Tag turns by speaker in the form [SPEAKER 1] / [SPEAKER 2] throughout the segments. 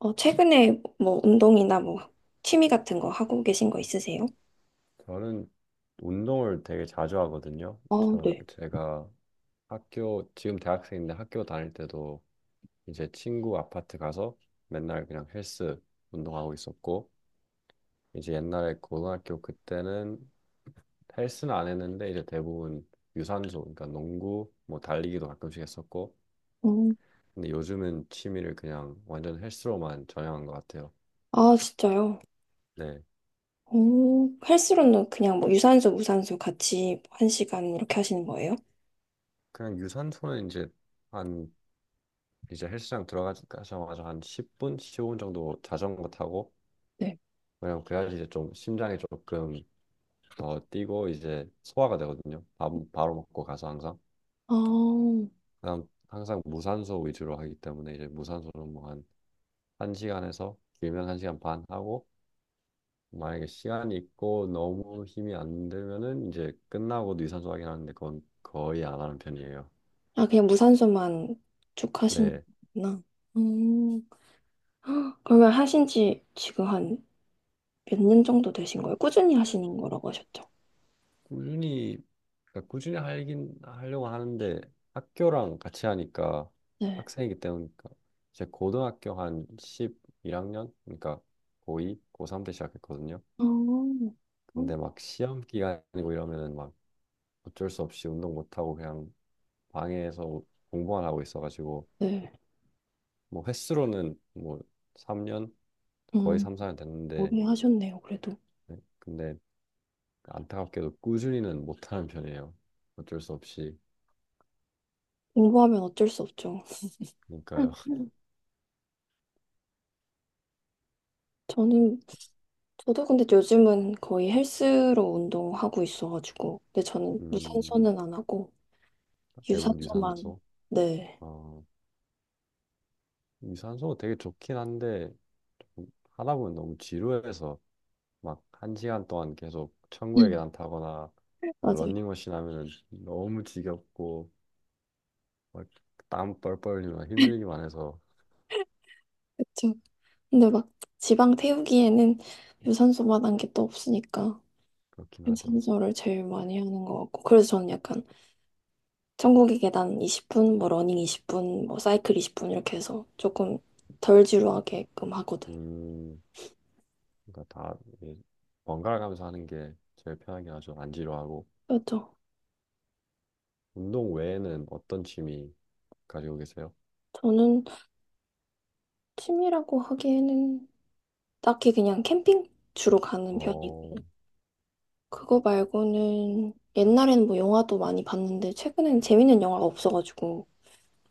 [SPEAKER 1] 어, 최근에 뭐 운동이나 뭐 취미 같은 거 하고 계신 거 있으세요?
[SPEAKER 2] 저는 운동을 되게 자주 하거든요.
[SPEAKER 1] 아,
[SPEAKER 2] 저
[SPEAKER 1] 네.
[SPEAKER 2] 제가 학교 지금 대학생인데 학교 다닐 때도 이제 친구 아파트 가서 맨날 그냥 헬스 운동하고 있었고, 이제 옛날에 고등학교 그때는 헬스는 안 했는데 이제 대부분 유산소, 그러니까 농구 뭐 달리기도 가끔씩 했었고,
[SPEAKER 1] 음.
[SPEAKER 2] 근데 요즘은 취미를 그냥 완전 헬스로만 전향한 것 같아요.
[SPEAKER 1] 아, 진짜요?
[SPEAKER 2] 네.
[SPEAKER 1] 오, 헬스로는 그냥 뭐 유산소, 무산소 같이 뭐 한 시간 이렇게 하시는 거예요?
[SPEAKER 2] 그냥 유산소는 이제 한 이제 헬스장 들어가자마자 한 10분, 15분 정도 자전거 타고,
[SPEAKER 1] 네.
[SPEAKER 2] 왜냐면 그래야지 이제 좀 심장이 조금 더 뛰고 이제 소화가 되거든요. 밥 바로 먹고 가서 항상,
[SPEAKER 1] 아,
[SPEAKER 2] 그다음 항상 무산소 위주로 하기 때문에 이제 무산소는 뭐 한 한시간에서 길면 한시간반 하고, 만약에 시간이 있고 너무 힘이 안 들면은 이제 끝나고 유산소 하긴 하는데 그건 거의 안 하는 편이에요.
[SPEAKER 1] 아, 그냥 무산소만 쭉
[SPEAKER 2] 네.
[SPEAKER 1] 하시는구나. 음, 헉, 그러면 하신 지 지금 한 몇 년 정도 되신 거예요? 꾸준히 하시는 거라고 하셨죠?
[SPEAKER 2] 꾸준히, 그러니까 꾸준히 하긴 하려고 하는데, 학교랑 같이 하니까,
[SPEAKER 1] 네.
[SPEAKER 2] 학생이기 때문이니까, 제 고등학교 한 11학년, 그러니까 고2, 고3 때 시작했거든요.
[SPEAKER 1] 아, 어,
[SPEAKER 2] 근데 막 시험 기간이고 이러면은 막 어쩔 수 없이 운동 못 하고 그냥 방에서 공부만 하고 있어가지고,
[SPEAKER 1] 네.
[SPEAKER 2] 뭐 횟수로는 뭐 3년, 거의
[SPEAKER 1] 음,
[SPEAKER 2] 3, 4년 됐는데,
[SPEAKER 1] 오래 하셨네요, 그래도.
[SPEAKER 2] 네. 근데 안타깝게도 꾸준히는 못하는 편이에요. 어쩔 수 없이.
[SPEAKER 1] 공부하면 어쩔 수 없죠.
[SPEAKER 2] 그러니까요.
[SPEAKER 1] 저는, 저도 근데 요즘은 거의 헬스로 운동하고 있어가지고. 근데 저는
[SPEAKER 2] 음.
[SPEAKER 1] 무산소는 안 하고,
[SPEAKER 2] 대부분
[SPEAKER 1] 유산소만,
[SPEAKER 2] 유산소.
[SPEAKER 1] 네.
[SPEAKER 2] 어, 유산소가 되게 좋긴 한데 하다 보면 너무 지루해서 막 1시간 동안 계속 천국의
[SPEAKER 1] 음.
[SPEAKER 2] 계단 타거나 막
[SPEAKER 1] 맞아요.
[SPEAKER 2] 런닝머신 하면은 너무 지겹고 막 땀 뻘뻘 흘리면 힘들기만 해서.
[SPEAKER 1] 그쵸. 근데 막 지방 태우기에는 유산소만 한 게 또 없으니까
[SPEAKER 2] 그렇긴 하죠.
[SPEAKER 1] 유산소를 제일 많이 하는 것 같고 그래서 저는 약간 천국의 계단 20분, 뭐 러닝 20분, 뭐 사이클 20분 이렇게 해서 조금 덜 지루하게끔 하거든요.
[SPEAKER 2] 음, 그러니까 다 이게 번갈아 가면서 하는 게 제일 편하긴 하죠. 안 지루하고.
[SPEAKER 1] 그렇죠.
[SPEAKER 2] 운동 외에는 어떤 취미 가지고 계세요?
[SPEAKER 1] 저는 취미라고 하기에는 딱히 그냥 캠핑 주로 가는
[SPEAKER 2] 어,
[SPEAKER 1] 편이고. 그거 말고는 옛날에는 뭐 영화도 많이 봤는데 최근엔 재밌는 영화가 없어가지고.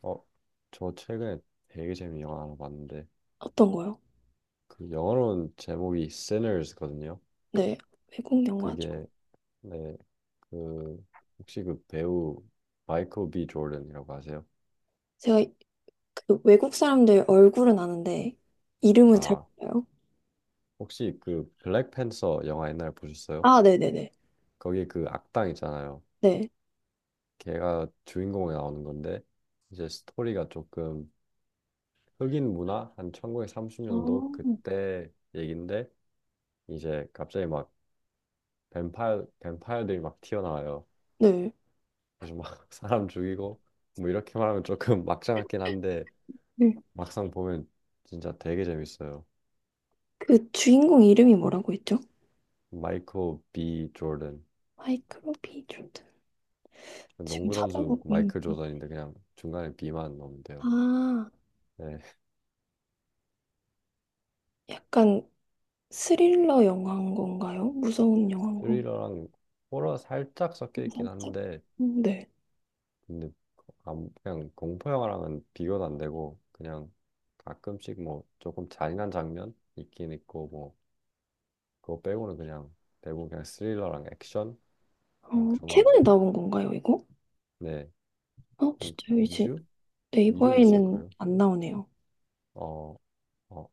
[SPEAKER 2] 어, 저 최근에 되게 재미있는 영화 하나 봤는데,
[SPEAKER 1] 어떤 거요?
[SPEAKER 2] 그 영어로는 제목이 Sinners거든요.
[SPEAKER 1] 네, 외국 영화죠.
[SPEAKER 2] 그게, 네, 그 혹시 그 배우 마이클 B 조던이라고 아세요?
[SPEAKER 1] 제가 그 외국 사람들 얼굴은 아는데 이름은 잘
[SPEAKER 2] 아,
[SPEAKER 1] 몰라요.
[SPEAKER 2] 혹시 그 블랙팬서 영화 옛날에 보셨어요?
[SPEAKER 1] 아, 네네네.
[SPEAKER 2] 거기 그 악당 있잖아요.
[SPEAKER 1] 네.
[SPEAKER 2] 걔가 주인공에 나오는 건데, 이제 스토리가 조금 흑인 문화 한
[SPEAKER 1] 어.
[SPEAKER 2] 1930년도 그때 얘긴데 이제 갑자기 막 뱀파이어들이 막 튀어나와요.
[SPEAKER 1] 네.
[SPEAKER 2] 그래서 막 사람 죽이고, 뭐 이렇게 말하면 조금 막장 같긴 한데
[SPEAKER 1] 네.
[SPEAKER 2] 막상 보면 진짜 되게 재밌어요.
[SPEAKER 1] 그 주인공 이름이 뭐라고 했죠?
[SPEAKER 2] 마이클 B 조던.
[SPEAKER 1] 마이클 B. 조던. 지금
[SPEAKER 2] 농구 선수
[SPEAKER 1] 찾아보고 있는.
[SPEAKER 2] 마이클 조던인데 그냥 중간에 B만 넣으면 돼요.
[SPEAKER 1] 아,
[SPEAKER 2] 네,
[SPEAKER 1] 약간 스릴러 영화인 건가요? 무서운 영화인 건가요?
[SPEAKER 2] 스릴러랑 호러 살짝 섞여 있긴
[SPEAKER 1] 살짝.
[SPEAKER 2] 한데,
[SPEAKER 1] 네.
[SPEAKER 2] 근데 그냥 공포 영화랑은 비교도 안 되고, 그냥 가끔씩 뭐 조금 잔인한 장면 있긴 있고, 뭐 그거 빼고는 그냥 대부분 그냥 스릴러랑 액션, 그냥 그
[SPEAKER 1] 어,
[SPEAKER 2] 정도로
[SPEAKER 1] 최근에
[SPEAKER 2] 보면 돼요.
[SPEAKER 1] 나온 건가요, 이거?
[SPEAKER 2] 네,
[SPEAKER 1] 어,
[SPEAKER 2] 한
[SPEAKER 1] 진짜요? 이제
[SPEAKER 2] 2주? 2주 됐을
[SPEAKER 1] 네이버에는
[SPEAKER 2] 거예요.
[SPEAKER 1] 안 나오네요.
[SPEAKER 2] 어, 어,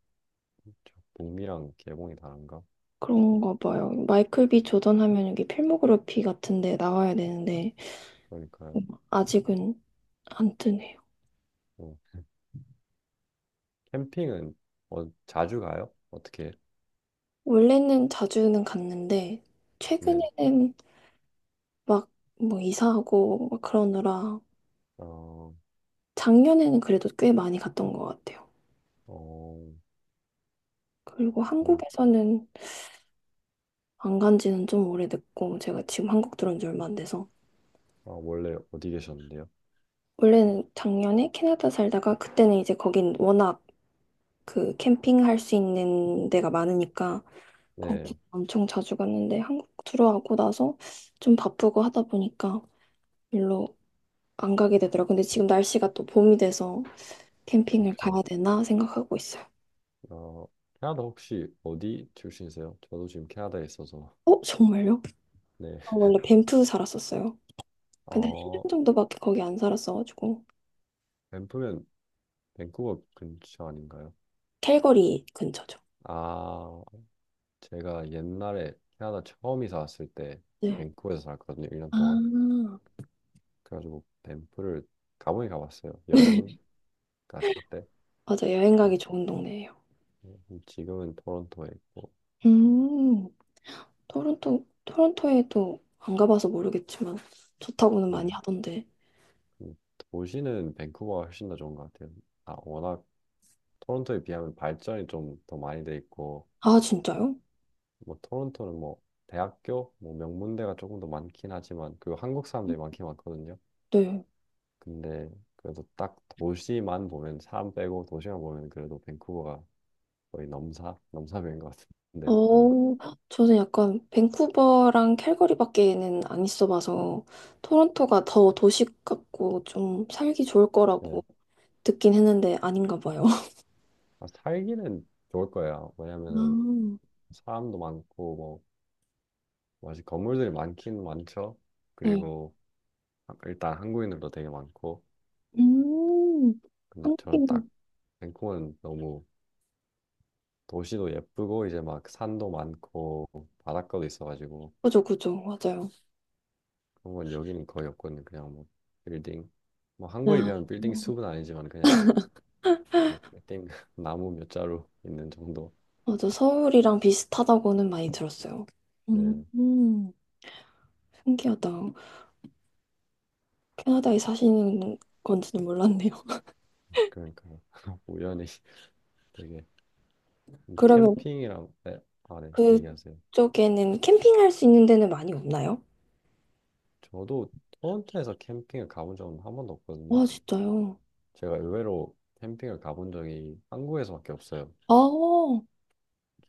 [SPEAKER 2] 저 북미랑 개봉이 다른가?
[SPEAKER 1] 그런가 봐요. 마이클 비 조던 하면 여기 필모그래피 같은데 나와야 되는데
[SPEAKER 2] 그러니까요.
[SPEAKER 1] 아직은 안 뜨네요.
[SPEAKER 2] 어, 캠핑은 어, 자주 가요? 어떻게? 해요?
[SPEAKER 1] 원래는 자주는 갔는데
[SPEAKER 2] 네.
[SPEAKER 1] 최근에는 막 뭐 이사하고 막 그러느라
[SPEAKER 2] 어,
[SPEAKER 1] 작년에는 그래도 꽤 많이 갔던 것 같아요.
[SPEAKER 2] 어,
[SPEAKER 1] 그리고
[SPEAKER 2] 음,
[SPEAKER 1] 한국에서는 안 간 지는 좀 오래됐고 제가 지금 한국 들어온 지 얼마 안 돼서
[SPEAKER 2] 아, 원래 어디 계셨는데요?
[SPEAKER 1] 원래는 작년에 캐나다 살다가 그때는 이제 거긴 워낙 그 캠핑할 수 있는 데가 많으니까 거기
[SPEAKER 2] 네,
[SPEAKER 1] 엄청 자주 갔는데 한국 들어오고 나서 좀 바쁘고 하다 보니까 별로 안 가게 되더라고요. 근데 지금 날씨가 또 봄이 돼서 캠핑을 가야
[SPEAKER 2] 그렇죠.
[SPEAKER 1] 되나 생각하고 있어요.
[SPEAKER 2] 어, 캐나다 혹시 어디 출신이세요? 저도 지금 캐나다에 있어서.
[SPEAKER 1] 어, 정말요?
[SPEAKER 2] 네.
[SPEAKER 1] 저 원래 밴프 살았었어요. 근데 한 1년
[SPEAKER 2] 어,
[SPEAKER 1] 정도밖에 거기 안 살았어가지고
[SPEAKER 2] 밴프면 밴쿠버 근처 아닌가요?
[SPEAKER 1] 캘거리 근처죠.
[SPEAKER 2] 아, 제가 옛날에 캐나다 처음 이사 왔을 때
[SPEAKER 1] 네.
[SPEAKER 2] 밴쿠버에서 살았거든요, 1년
[SPEAKER 1] 아,
[SPEAKER 2] 동안. 그래가지고 밴프를 가보긴 가봤어요. 여행 갔을 때.
[SPEAKER 1] 맞아. 여행 가기
[SPEAKER 2] 음,
[SPEAKER 1] 좋은 동네예요.
[SPEAKER 2] 지금은 토론토에 있고.
[SPEAKER 1] 음. 토론토에도 안 가봐서 모르겠지만 좋다고는 많이
[SPEAKER 2] 음,
[SPEAKER 1] 하던데.
[SPEAKER 2] 음, 도시는 밴쿠버가 훨씬 더 좋은 것 같아요. 아, 워낙 토론토에 비하면 발전이 좀 더 많이 돼 있고,
[SPEAKER 1] 아, 진짜요?
[SPEAKER 2] 뭐 토론토는 뭐 대학교 뭐 명문대가 조금 더 많긴 하지만 그 한국 사람들이 많긴 많거든요.
[SPEAKER 1] 네.
[SPEAKER 2] 근데 그래도 딱 도시만 보면, 사람 빼고 도시만 보면 그래도 밴쿠버가 거의 넘사 넘사벽인 것
[SPEAKER 1] 어,
[SPEAKER 2] 같은데요. 저는.
[SPEAKER 1] 저는 약간 밴쿠버랑 캘거리밖에는 안 있어봐서 토론토가 더 도시 같고 좀 살기 좋을
[SPEAKER 2] 네.
[SPEAKER 1] 거라고 듣긴 했는데 아닌가 봐요.
[SPEAKER 2] 아, 살기는 좋을 거예요.
[SPEAKER 1] 아,
[SPEAKER 2] 왜냐면은 사람도 많고 뭐 맞아 건물들이 많긴 많죠.
[SPEAKER 1] 네.
[SPEAKER 2] 그리고 일단 한국인으로 되게 많고,
[SPEAKER 1] 음,
[SPEAKER 2] 근데 저는 딱,
[SPEAKER 1] 한국인.
[SPEAKER 2] 밴쿠버는 너무 도시도 예쁘고 이제 막 산도 많고 바닷가도 있어가지고,
[SPEAKER 1] 그죠, 그죠. 맞아요.
[SPEAKER 2] 그런 건 여기는 거의 없거든요. 그냥 뭐 빌딩, 뭐
[SPEAKER 1] 아,
[SPEAKER 2] 한국에 비하면 빌딩
[SPEAKER 1] 어,
[SPEAKER 2] 숲은 아니지만 그냥 뭐 빌딩 나무 몇 자루 있는 정도.
[SPEAKER 1] 맞아. 서울이랑 비슷하다고는 많이 들었어요. 음,
[SPEAKER 2] 네.
[SPEAKER 1] 음. 신기하다. 캐나다에 사시는 건지는 몰랐네요.
[SPEAKER 2] 그러니까요. 우연히 되게,
[SPEAKER 1] 그러면
[SPEAKER 2] 캠핑이랑, 네, 아 네 얘기하세요.
[SPEAKER 1] 그쪽에는 캠핑할 수 있는 데는 많이 없나요?
[SPEAKER 2] 저도 토론토에서 캠핑을 가본 적은 한 번도 없거든요.
[SPEAKER 1] 아, 진짜요?
[SPEAKER 2] 제가 의외로 캠핑을 가본 적이 한국에서밖에 없어요.
[SPEAKER 1] 아,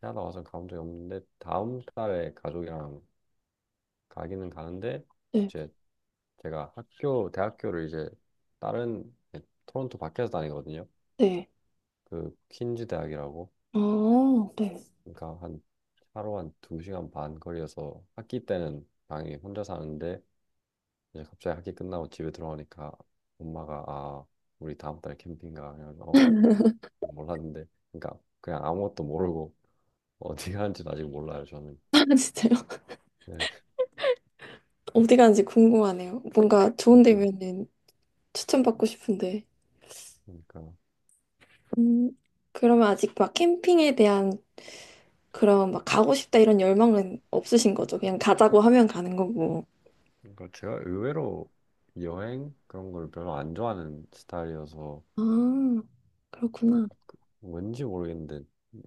[SPEAKER 2] 캐나다 와서 가본 적이 없는데 다음 달에 가족이랑 가기는 가는데,
[SPEAKER 1] 네,
[SPEAKER 2] 이제 제가 학교 대학교를 이제 다른, 네, 토론토 밖에서 다니거든요.
[SPEAKER 1] 네.
[SPEAKER 2] 그 퀸즈 대학이라고.
[SPEAKER 1] 아, 네.
[SPEAKER 2] 그러니까 한 하루 한 2시간 반 거리여서 학기 때는 당연히 혼자 사는데, 이제 갑자기 학기 끝나고 집에 들어오니까 엄마가, 아, 우리 다음 달에 캠핑 가, 그래서 몰랐는데, 그러니까 그냥 아무것도 모르고, 어디가 한지는 아직 몰라요, 저는.
[SPEAKER 1] 아, 진짜요?
[SPEAKER 2] 네,
[SPEAKER 1] 어디 가는지 궁금하네요. 뭔가 좋은
[SPEAKER 2] 그러니까,
[SPEAKER 1] 데면은 추천받고 싶은데.
[SPEAKER 2] 그러니까,
[SPEAKER 1] 음, 그러면 아직 막 캠핑에 대한 그런 막 가고 싶다 이런 열망은 없으신 거죠? 그냥 가자고 하면 가는 거고.
[SPEAKER 2] 그러니까 제가 의외로 여행 그런 걸 별로 안 좋아하는 스타일이어서.
[SPEAKER 1] 아, 그렇구나.
[SPEAKER 2] 왠지 모르겠는데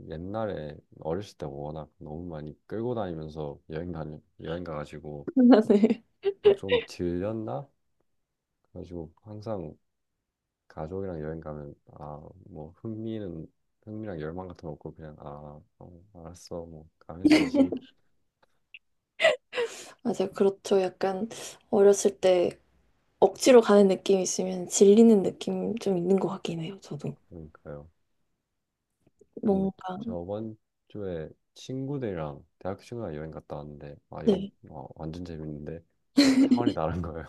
[SPEAKER 2] 옛날에 어렸을 때 워낙 너무 많이 끌고 다니면서 여행 가가지고
[SPEAKER 1] 네.
[SPEAKER 2] 막 좀 질렸나? 그래가지고 항상 가족이랑 여행 가면, 아, 뭐 흥미는 흥미랑 열망 같은 거 없고, 그냥 아, 어, 알았어, 뭐 가면 되지.
[SPEAKER 1] 맞아요. 그렇죠. 약간 어렸을 때 억지로 가는 느낌이 있으면 질리는 느낌 좀 있는 것 같긴 해요, 저도.
[SPEAKER 2] 그러니까요. 근데
[SPEAKER 1] 뭔가,
[SPEAKER 2] 저번 주에 친구들이랑, 대학교 친구랑 여행 갔다 왔는데, 아 이건
[SPEAKER 1] 네.
[SPEAKER 2] 어, 완전 재밌는데 막 차원이 다른 거예요.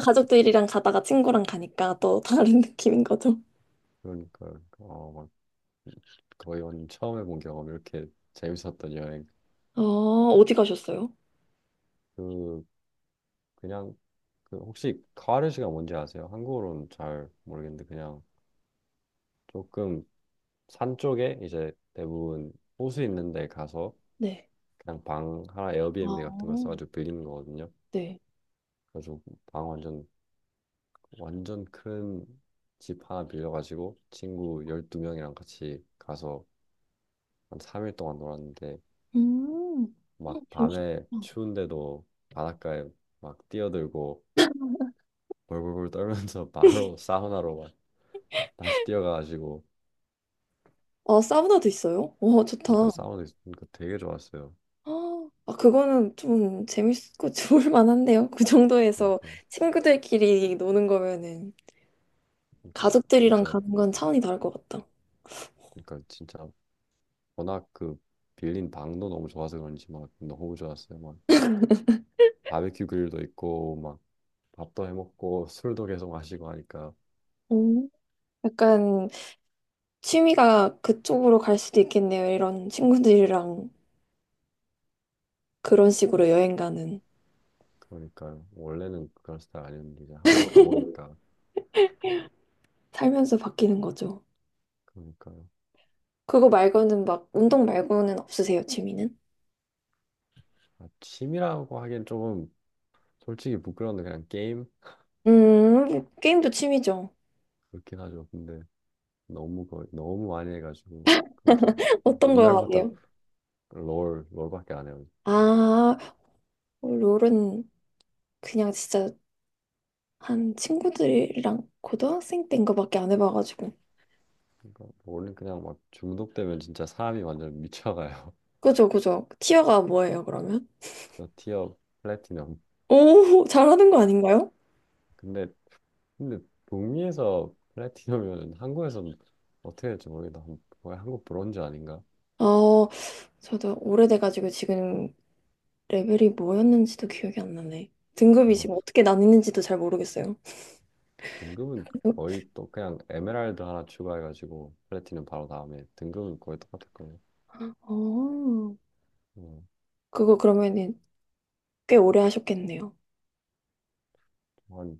[SPEAKER 1] 가족들이랑 가다가 친구랑 가니까 또 다른 느낌인 거죠.
[SPEAKER 2] 그러니까 어막 거의 완전 처음 해본 경험, 이렇게 재밌었던 여행.
[SPEAKER 1] 아, 어디 가셨어요?
[SPEAKER 2] 그 그냥 그 혹시 카와르시가 뭔지 아세요? 한국어로는 잘 모르겠는데, 그냥 조금 산 쪽에 이제 대부분 호수 있는 데 가서
[SPEAKER 1] 네.
[SPEAKER 2] 그냥 방 하나
[SPEAKER 1] 아,
[SPEAKER 2] 에어비앤비 같은 걸 써가지고 빌리는 거거든요.
[SPEAKER 1] 네.
[SPEAKER 2] 그래서 방 완전, 완전 큰 집 하나 빌려가지고 친구 12명이랑 같이 가서 한 3일 동안 놀았는데,
[SPEAKER 1] 음, 어,
[SPEAKER 2] 막
[SPEAKER 1] 재밌겠다.
[SPEAKER 2] 밤에 추운데도 바닷가에 막 뛰어들고 벌벌벌 떨면서 바로 사우나로 막 다시 뛰어가가지고.
[SPEAKER 1] 아, 사우나도 있어요? 와,
[SPEAKER 2] 그러니까
[SPEAKER 1] 좋다.
[SPEAKER 2] 그러니까 되게 좋았어요.
[SPEAKER 1] 아, 그거는 좀 재밌고 좋을 만한데요. 그 정도에서
[SPEAKER 2] 그러니까
[SPEAKER 1] 친구들끼리 노는 거면은
[SPEAKER 2] 그러니까
[SPEAKER 1] 가족들이랑
[SPEAKER 2] 진짜
[SPEAKER 1] 가는 건 차원이 다를 것 같다.
[SPEAKER 2] 그러니까 진짜 워낙 그 빌린 방도 너무 좋아서 그런지 막 너무 좋았어요. 막 바베큐 그릴도 있고, 막 밥도 해 먹고 술도 계속 마시고 하니까.
[SPEAKER 1] 음. 약간 취미가 그쪽으로 갈 수도 있겠네요. 이런 친구들이랑 그런 식으로 여행 가는.
[SPEAKER 2] 그러니까요. 원래는 그런 스타일 아니었는데 이제 한번 가보니까.
[SPEAKER 1] 살면서 바뀌는 거죠.
[SPEAKER 2] 그러니까요.
[SPEAKER 1] 그거 말고는 막, 운동 말고는 없으세요, 취미는?
[SPEAKER 2] 아, 취미라고 하기엔 조금 솔직히 부끄러운데, 그냥 게임.
[SPEAKER 1] 게임도 취미죠.
[SPEAKER 2] 그렇긴 하죠. 근데 너무 거 너무 많이 해가지고. 그럼 저 이제
[SPEAKER 1] 어떤 거
[SPEAKER 2] 옛날부터
[SPEAKER 1] 하세요?
[SPEAKER 2] 롤 롤밖에 안 해요. 진짜.
[SPEAKER 1] 아, 롤은 그냥 진짜 한 친구들이랑 고등학생 때인 거밖에 안 해봐가지고.
[SPEAKER 2] 그러니까 롤은 그냥 막 중독되면 진짜 사람이 완전 미쳐가요.
[SPEAKER 1] 그죠, 그죠. 티어가 뭐예요, 그러면?
[SPEAKER 2] 저 티어 플래티넘.
[SPEAKER 1] 오, 잘하는 거 아닌가요?
[SPEAKER 2] 근데 근데 북미에서 플래티넘이면 한국에서는 어떻게 될지 모르겠다. 거의 한국 브론즈 아닌가?
[SPEAKER 1] 어, 저도 오래돼가지고 지금 레벨이 뭐였는지도 기억이 안 나네. 등급이 지금 어떻게 나뉘는지도 잘 모르겠어요.
[SPEAKER 2] 등급은 거의 또 그냥 에메랄드 하나 추가해가지고 플래티넘 바로 다음에, 등급은 거의 똑같을 거예요.
[SPEAKER 1] 어,
[SPEAKER 2] 음,
[SPEAKER 1] 그거 그러면은 꽤 오래 하셨겠네요.
[SPEAKER 2] 한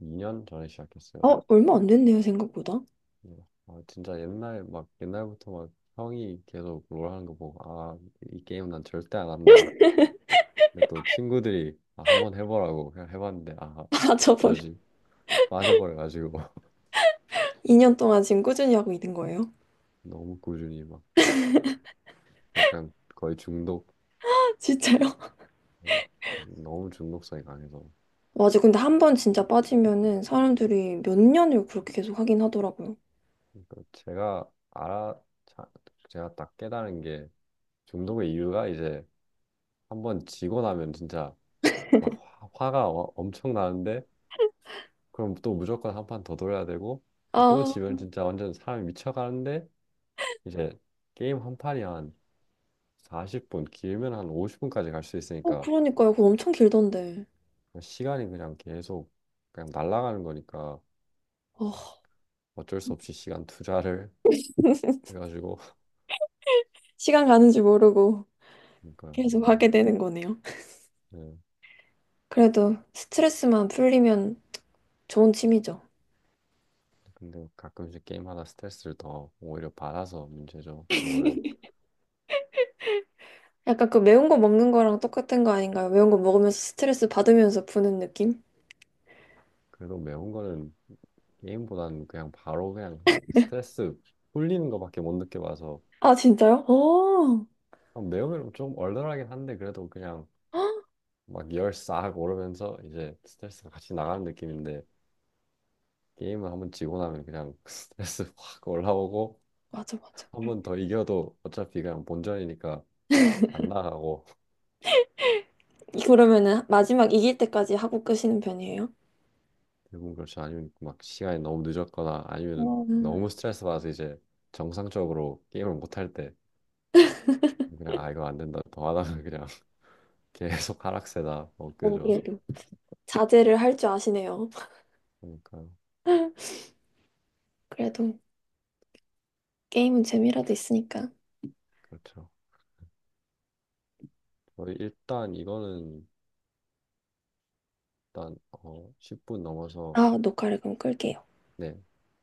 [SPEAKER 2] 2년 전에 시작했어요.
[SPEAKER 1] 어, 얼마 안 됐네요, 생각보다.
[SPEAKER 2] 예. 아, 진짜 옛날, 막 옛날부터 막 형이 계속 롤 하는 거 보고, 아, 이 게임 난 절대 안 한다. 근데 또 친구들이, 아, 한번 해보라고, 그냥 해봤는데, 아,
[SPEAKER 1] 아, 저 벌써
[SPEAKER 2] 어쩌지, 빠져버려가지고.
[SPEAKER 1] 2년 동안 지금 꾸준히 하고 있는 거예요.
[SPEAKER 2] 너무 꾸준히 막, 그냥 거의 중독.
[SPEAKER 1] 진짜요?
[SPEAKER 2] 예. 너무 중독성이 강해서.
[SPEAKER 1] 맞아, 근데 한 번 진짜 빠지면은 사람들이 몇 년을 그렇게 계속 하긴 하더라고요.
[SPEAKER 2] 그러니까 자- 제가 딱 깨달은 게, 중독의 이유가 이제 한번 지고 나면 진짜 막 화가 엄청 나는데, 그럼 또 무조건 한 판 더 돌려야 되고, 또
[SPEAKER 1] 아,
[SPEAKER 2] 지면 진짜 완전 사람이 미쳐가는데, 이제 게임 한 판이 한 40분, 길면 한 50분까지 갈 수
[SPEAKER 1] 어,
[SPEAKER 2] 있으니까
[SPEAKER 1] 그러니까요. 그거 엄청 길던데.
[SPEAKER 2] 시간이 그냥 계속 그냥 날아가는 거니까
[SPEAKER 1] 어,
[SPEAKER 2] 어쩔 수 없이 시간 투자를 해가지고.
[SPEAKER 1] 시간 가는 줄 모르고
[SPEAKER 2] 그러니까.
[SPEAKER 1] 계속
[SPEAKER 2] 어,
[SPEAKER 1] 하게 되는 거네요.
[SPEAKER 2] 네.
[SPEAKER 1] 그래도 스트레스만 풀리면 좋은 취미죠.
[SPEAKER 2] 근데 가끔씩 게임하다 스트레스를 더 오히려 받아서 문제죠, 롤은.
[SPEAKER 1] 약간 그 매운 거 먹는 거랑 똑같은 거 아닌가요? 매운 거 먹으면서 스트레스 받으면서 푸는 느낌?
[SPEAKER 2] 그래도 매운 거는 게임보다는 그냥 바로 그냥 스트레스 풀리는 거밖에 못 느껴봐서.
[SPEAKER 1] 아, 진짜요? 오. 헉,
[SPEAKER 2] 아, 매우면 좀 얼얼하긴 한데 그래도 그냥 막 열 싹 오르면서 이제 스트레스가 같이 나가는 느낌인데, 게임을 한 번 지고 나면 그냥 스트레스 확 올라오고.
[SPEAKER 1] 맞아, 맞아.
[SPEAKER 2] 한 번 더 이겨도 어차피 그냥 본전이니까 안 나가고.
[SPEAKER 1] 이- 그러면은 마지막 이길 때까지 하고 끄시는 편이에요?
[SPEAKER 2] 대부분 그렇죠. 아니면 막 시간이 너무 늦었거나, 아니면
[SPEAKER 1] 어,
[SPEAKER 2] 너무 스트레스 받아서 이제 정상적으로 게임을 못 할 때 그냥, 아, 이거 안 된다, 더 하다가 그냥 계속 하락세다, 뭐
[SPEAKER 1] 오,
[SPEAKER 2] 그죠.
[SPEAKER 1] 그래도 자제를 할 줄 아시네요.
[SPEAKER 2] 그러니까.
[SPEAKER 1] 그래도 게임은 재미라도 있으니까.
[SPEAKER 2] 그렇죠. 저희 일단 이거는 일단 10분 넘어서.
[SPEAKER 1] 아, 녹화를 그럼 끌게요.
[SPEAKER 2] 네